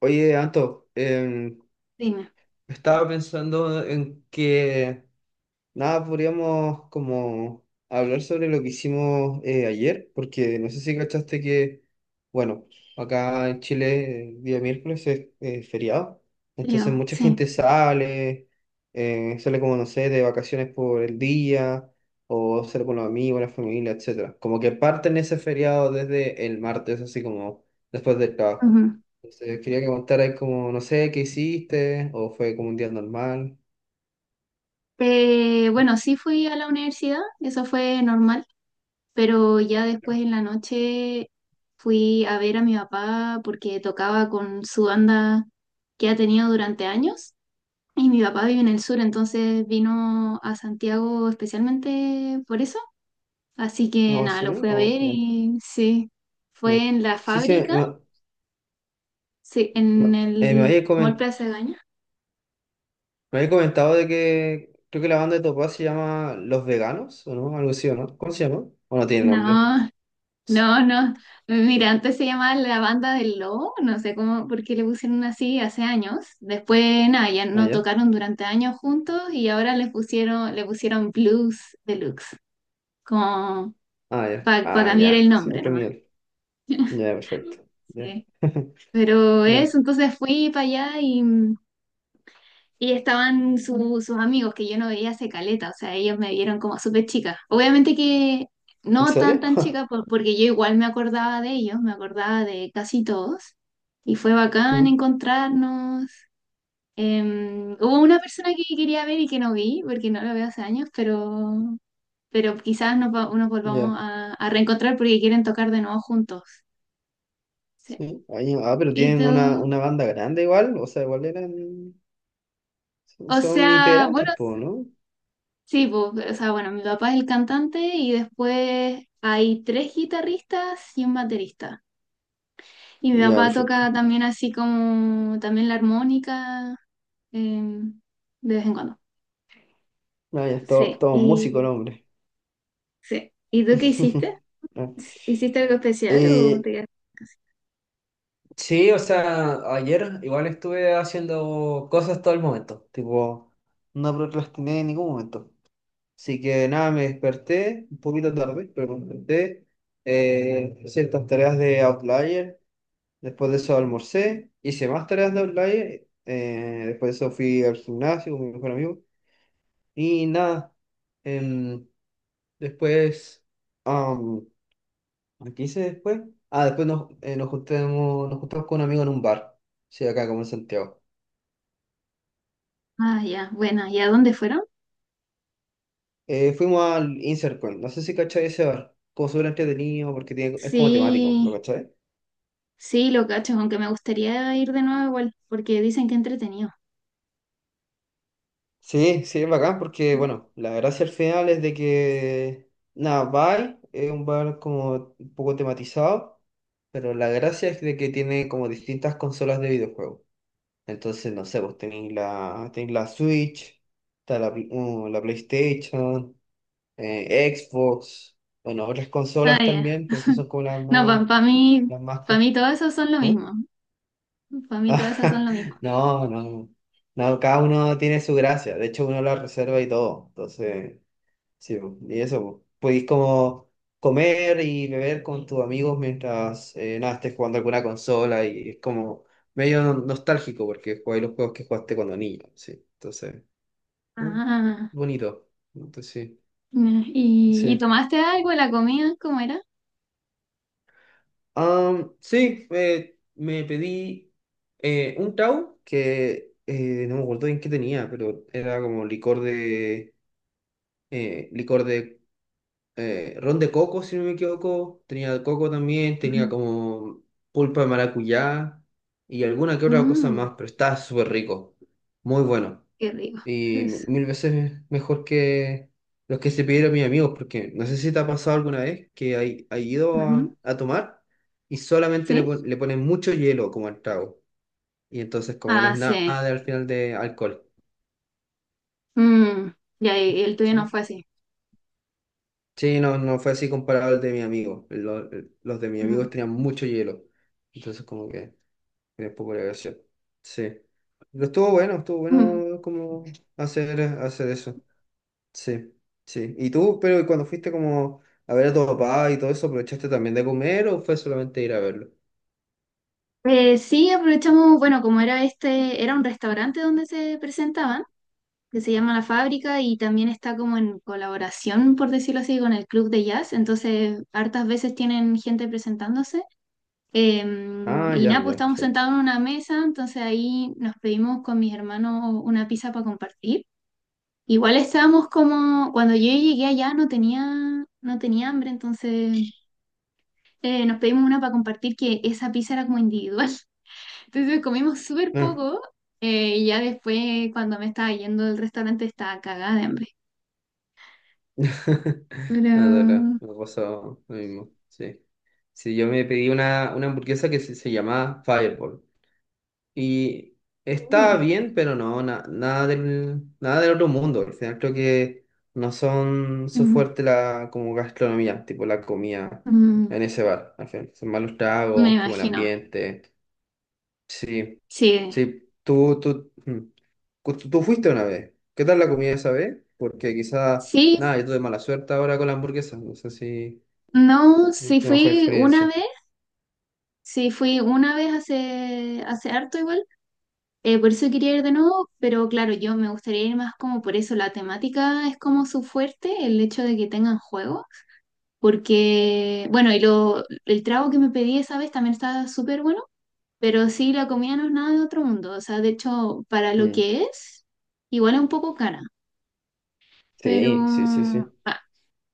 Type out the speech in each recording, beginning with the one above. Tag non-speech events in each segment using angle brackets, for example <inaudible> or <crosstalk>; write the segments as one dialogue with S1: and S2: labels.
S1: Oye, Anto,
S2: Dime.
S1: estaba pensando en que. Nada, podríamos como hablar sobre lo que hicimos ayer, porque no sé si cachaste que, bueno, acá en Chile el día miércoles es feriado, entonces
S2: Yo,
S1: mucha
S2: sí.
S1: gente sale, sale como, no sé, de vacaciones por el día, o sale con los amigos, la familia, etcétera. Como que parten ese feriado desde el martes, así como después del trabajo.
S2: Ujú.
S1: Entonces quería que contaras como, no sé, qué hiciste, o fue como un día normal.
S2: Bueno, sí fui a la universidad, eso fue normal, pero ya después en la noche fui a ver a mi papá porque tocaba con su banda que ha tenido durante años y mi papá vive en el sur, entonces vino a Santiago especialmente por eso, así que
S1: No, ¿en
S2: nada, lo
S1: serio?
S2: fui a
S1: Oh,
S2: ver y sí,
S1: ya.
S2: fue en la
S1: Sí, sí,
S2: fábrica, sí,
S1: me-
S2: en
S1: eh, me
S2: el
S1: había
S2: Mall
S1: comen-
S2: Plaza Gaña.
S1: me había comentado de que creo que la banda de Topaz se llama Los Veganos, ¿o no? Algo así, ¿o no? ¿Cómo se llama? ¿O no tiene nombre?
S2: No, no, no. Mira, antes se llamaba la banda del lobo, no sé cómo, por qué le pusieron así hace años. Después, nada, ya
S1: Ah,
S2: no
S1: ya.
S2: tocaron durante años juntos y ahora les pusieron, le pusieron Blues Deluxe, como
S1: Ah, ya.
S2: para
S1: Ah,
S2: cambiar el
S1: ya. Sí,
S2: nombre
S1: otro
S2: nomás.
S1: nivel. Ya, perfecto. Ya.
S2: Sí.
S1: <laughs>
S2: Pero
S1: Ya.
S2: eso, entonces fui para allá y, y estaban sus amigos que yo no veía hace caleta, o sea, ellos me vieron como súper chica. Obviamente que
S1: ¿En
S2: no tan
S1: serio?
S2: tan
S1: <laughs>
S2: chica, porque yo igual me acordaba de ellos, me acordaba de casi todos. Y fue bacán
S1: Mm,
S2: encontrarnos. Hubo una persona que quería ver y que no vi, porque no la veo hace años, pero quizás nos volvamos
S1: ya.
S2: a reencontrar porque quieren tocar de nuevo juntos. Sí.
S1: Sí. Pero
S2: Y
S1: tienen
S2: tú,
S1: una banda grande igual, o sea, igual eran...
S2: o
S1: son
S2: sea, bueno.
S1: integrantes, po, ¿no?
S2: Sí, pues, o sea, bueno, mi papá es el cantante y después hay tres guitarristas y un baterista. Y mi
S1: Ya,
S2: papá toca
S1: perfecto.
S2: también así como también la armónica, em, de vez en cuando.
S1: Ah, ya,
S2: Sí,
S1: todo un músico el
S2: y
S1: hombre.
S2: sí. ¿Y tú qué hiciste?
S1: <laughs> Ah.
S2: ¿Hiciste algo especial o
S1: Eh,
S2: te quedaste en casa?
S1: sí, o sea, ayer igual estuve haciendo cosas todo el momento, tipo, no procrastiné en ningún momento. Así que nada, me desperté un poquito tarde, pero me desperté, hice estas tareas de Outlier, después de eso almorcé, hice más tareas de Outlier, después de eso fui al gimnasio con mi mejor amigo y nada, em, después... ¿A qué hice después? Ah, después nos juntamos con un amigo en un bar. Sí, acá como en Santiago.
S2: Ah, ya, bueno, ¿y a dónde fueron?
S1: Fuimos al Insert Coin. No sé si cachai ese bar. Como súper entretenido porque tiene, es como temático,
S2: Sí,
S1: ¿lo cachai?
S2: sí, lo cacho, aunque me gustaría ir de nuevo igual, porque dicen que entretenido.
S1: Sí, sí, es bacán porque, bueno, la gracia al final es de que, nada, Bai es un bar como un poco tematizado, pero la gracia es de que tiene como distintas consolas de videojuegos. Entonces, no sé, vos tenéis tenéis la Switch, está la PlayStation, Xbox, bueno, otras consolas
S2: Ah, ya.
S1: también, pero esas
S2: <laughs>
S1: son como las
S2: No,
S1: más, las más,
S2: para
S1: co-
S2: mí todo eso son lo
S1: ¿eh?
S2: mismo. Para mí todas esas son
S1: <laughs>
S2: lo mismo.
S1: No, no, no, cada uno tiene su gracia, de hecho uno la reserva y todo, entonces, sí, po, y eso, po. Podéis como comer y beber con tus amigos mientras, nada, estés jugando alguna consola y es como medio nostálgico porque jugáis los juegos que jugaste cuando niño, sí, entonces, ¿eh?
S2: Ah,
S1: Bonito, entonces sí,
S2: ya. ¿Y, y
S1: sí.
S2: tomaste algo? ¿La comida? ¿Cómo era?
S1: Am, sí, me pedí un tau que no me acuerdo bien qué tenía, pero era como licor de eh, licor de ron de coco, si no me equivoco. Tenía coco también, tenía
S2: Ujú.
S1: como pulpa de maracuyá y alguna que otra cosa
S2: Mm,
S1: más, pero estaba súper rico, muy bueno.
S2: qué rico.
S1: Y
S2: Entonces,
S1: mil veces mejor que los que se pidieron mis amigos, porque no sé si te ha pasado alguna vez que hay ido
S2: ujú.
S1: a tomar y solamente
S2: ¿Sí?
S1: le ponen mucho hielo como al trago. Y entonces como que no
S2: Ah,
S1: es nada
S2: sí.
S1: al final de alcohol.
S2: Mm, ya, y el tuyo no
S1: Sí.
S2: fue así.
S1: Sí, no, no fue así comparado al de mi amigo. Los de mis amigos
S2: Ujú.
S1: tenían mucho hielo. Entonces como que tenía poco de gracia. Sí. Pero estuvo
S2: Ujú.
S1: bueno como hacer eso. Sí, sí. ¿Y tú, pero cuando fuiste como a ver a tu papá y todo eso, aprovechaste también de comer o fue solamente ir a verlo?
S2: Sí, aprovechamos, bueno, como era este, era un restaurante donde se presentaban, que se llama La Fábrica y también está como en colaboración, por decirlo así, con el club de jazz. Entonces, hartas veces tienen gente presentándose. Eh,
S1: Ah,
S2: y
S1: ya,
S2: nada, pues
S1: ya,
S2: estábamos
S1: perfecto.
S2: sentados en una mesa, entonces ahí nos pedimos con mis hermanos una pizza para compartir. Igual estábamos como, cuando yo llegué allá no tenía, no tenía hambre, entonces nos pedimos una para compartir que esa pizza era como individual. <laughs> Entonces comimos súper
S1: Ah.
S2: poco, y ya después cuando me estaba yendo del restaurante estaba cagada de hambre.
S1: <laughs> Nada, nada,
S2: Pero...
S1: me pasó lo mismo, sí. Sí, yo me pedí una hamburguesa que se llamaba Fireball. Y
S2: uh,
S1: está bien, pero no, nada del, nada del otro mundo. Al final creo que no son su
S2: mm,
S1: fuerte la como gastronomía, tipo la comida
S2: mm,
S1: en ese bar. Al final son malos
S2: me
S1: tragos, como el
S2: imagino,
S1: ambiente. Sí,
S2: sí.
S1: sí. Mm. Tú fuiste una vez. ¿Qué tal la comida esa vez? Porque quizá,
S2: Sí,
S1: nada, yo tuve mala suerte ahora con la hamburguesa. No sé si,
S2: no,
S1: si
S2: sí
S1: tu mejor
S2: fui una
S1: experiencia.
S2: vez. Sí, fui una vez hace, hace harto igual, por eso quería ir de nuevo, pero claro, yo me gustaría ir más como por eso, la temática es como su fuerte, el hecho de que tengan juego, porque, bueno, y lo, el trago que me pedí esa vez también estaba súper bueno, pero sí, la comida no es nada de otro mundo, o sea, de hecho, para lo
S1: Mm.
S2: que es, igual es un poco cara, pero...
S1: Sí, sí, sí, sí.
S2: ah,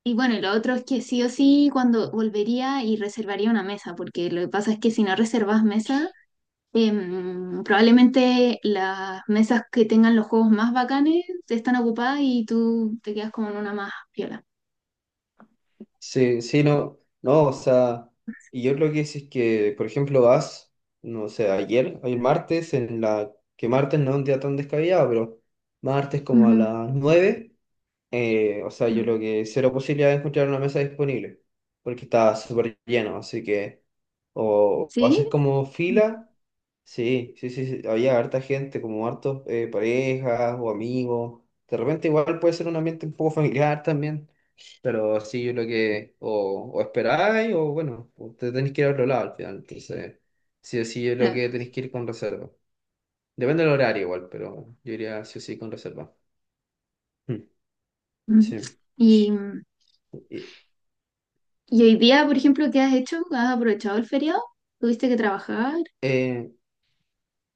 S2: y bueno, y lo otro es que sí o sí, cuando volvería y reservaría una mesa, porque lo que pasa es que si no reservas mesa... probablemente las mesas que tengan los juegos más bacanes están ocupadas y tú te quedas como en una más piola.
S1: Sí, sí, no, no, o sea, y yo creo que si es que, por ejemplo, vas, no sé, ayer martes, en la, que martes no es un día tan descabellado, pero martes como a
S2: Ujú,
S1: las 9 o sea, yo
S2: ujú.
S1: creo que cero posibilidad de encontrar una mesa disponible, porque está súper lleno, así que, o haces
S2: ¿Sí?
S1: como
S2: Mm.
S1: fila, sí, sí, sí, sí, había harta gente, como hartos parejas o amigos, de repente igual puede ser un ambiente un poco familiar también. Pero sí, yo lo que o esperáis o bueno, o te tenéis que ir a otro lado al final. Entonces, sí o sí es lo
S2: Claro.
S1: que tenéis que ir con reserva. Depende del horario igual, pero yo iría sí o sí con reserva. Mm,
S2: Ujú.
S1: sí.
S2: Y,
S1: Y-
S2: y hoy día, por ejemplo, ¿qué has hecho? ¿Has aprovechado el feriado? ¿Tuviste que trabajar?
S1: eh,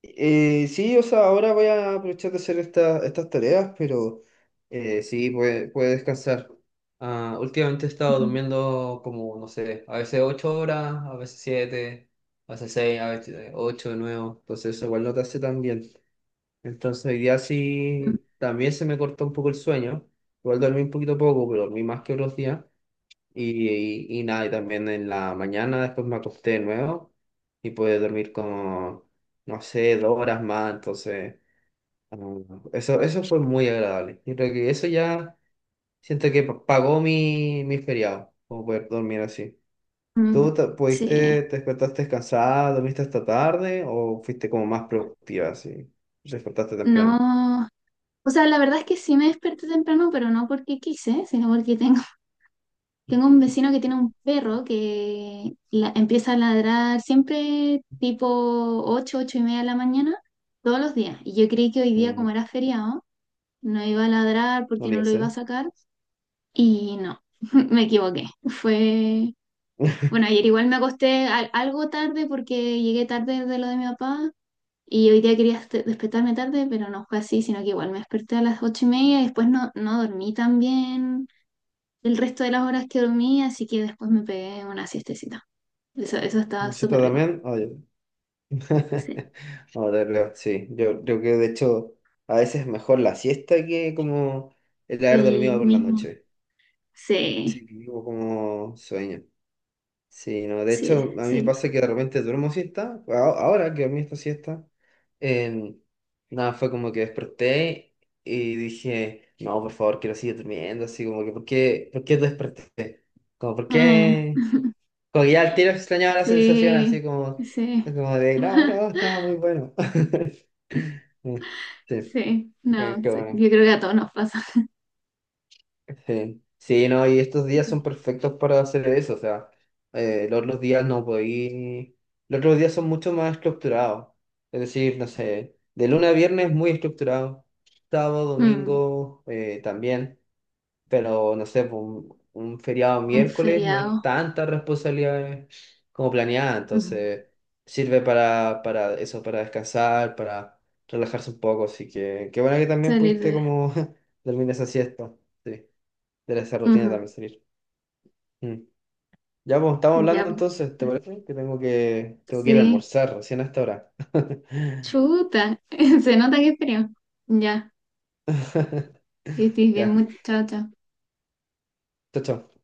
S1: sí, o sea, ahora voy a aprovechar de hacer estas tareas, pero sí, puede descansar. Ah, últimamente he estado
S2: Ujú.
S1: durmiendo como, no sé, a veces 8 horas, a veces 7, a veces 6, a veces 8 de nuevo. Entonces, eso igual no te hace tan bien. Entonces hoy día sí también se me cortó un poco el sueño. Igual dormí un poquito poco, pero dormí más que otros días. Y, y nada, y también en la mañana después me acosté de nuevo y pude dormir como, no sé, 2 horas más. Entonces, ah, eso fue muy agradable. Yo creo que eso ya siento que pagó mi feriado, como poder dormir así. ¿Tú
S2: Mm.
S1: te,
S2: Sí,
S1: pudiste, te despertaste cansada, dormiste hasta tarde o fuiste como más productiva así? ¿Despertaste temprano?
S2: no. O sea, la verdad es que sí me desperté temprano, pero no porque quise, sino porque tengo un vecino que tiene un perro que empieza a ladrar siempre tipo 8, 8:30 de la mañana, todos los días. Y yo creí que hoy día, como era feriado, no iba a ladrar
S1: No
S2: porque no
S1: lo
S2: lo iba a
S1: sé.
S2: sacar. Y no, <laughs> me equivoqué. Fue,
S1: <laughs>
S2: bueno, ayer igual me acosté algo tarde porque llegué tarde de lo de mi papá. Y hoy día quería despertarme tarde, pero no fue así, sino que igual me desperté a las 8:30 y después no, no dormí tan bien el resto de las horas que dormí, así que después me pegué una siestecita. Eso estaba
S1: ¿Usted está
S2: súper rico.
S1: también? Oye.
S2: Sí.
S1: <laughs> Sí. Yo creo que de hecho a veces es mejor la siesta que como el haber
S2: El
S1: dormido por la
S2: mismo.
S1: noche.
S2: Sí,
S1: Sí, que vivo como sueño. Sí, no, de
S2: sí,
S1: hecho a mí me
S2: sí.
S1: pasa que de repente duermo siesta. Ahora que dormí esta siesta, eh, nada, fue como que desperté y dije, no, por favor, quiero seguir durmiendo. Así como que, por qué desperté? Como, ¿por
S2: Mm,
S1: qué? Como que ya al tiro extrañaba la sensación
S2: sí,
S1: así como,
S2: sí,
S1: como de, no, no, estaba muy bueno. <laughs> Sí,
S2: sí. No,
S1: qué
S2: sí.
S1: bueno.
S2: Yo creo que a todos nos pasa.
S1: Sí. Sí, no, y estos días son perfectos para hacer eso, o sea, los otros días no podí, los otros días son mucho más estructurados, es decir, no sé, de lunes a viernes muy estructurado, sábado,
S2: Mm,
S1: domingo también. Pero no sé, po, un feriado
S2: un
S1: miércoles no hay
S2: feriado.
S1: tantas responsabilidades como planeada,
S2: Ujú.
S1: entonces sirve para eso, para descansar, para relajarse un poco, así que qué bueno que también
S2: Salir
S1: pudiste
S2: de.
S1: como <laughs> dormir esa siesta, sí, de esa rutina
S2: Ujú.
S1: también salir. Mm. Ya, pues estamos
S2: Ya,
S1: hablando
S2: pues.
S1: entonces, ¿te parece? Que tengo que, tengo que ir a
S2: Sí.
S1: almorzar recién a esta hora. <laughs>
S2: Chuta. <laughs> Se nota que es feriado. Ya. Que estés bien,
S1: Ya,
S2: chao chao.
S1: chao, chao.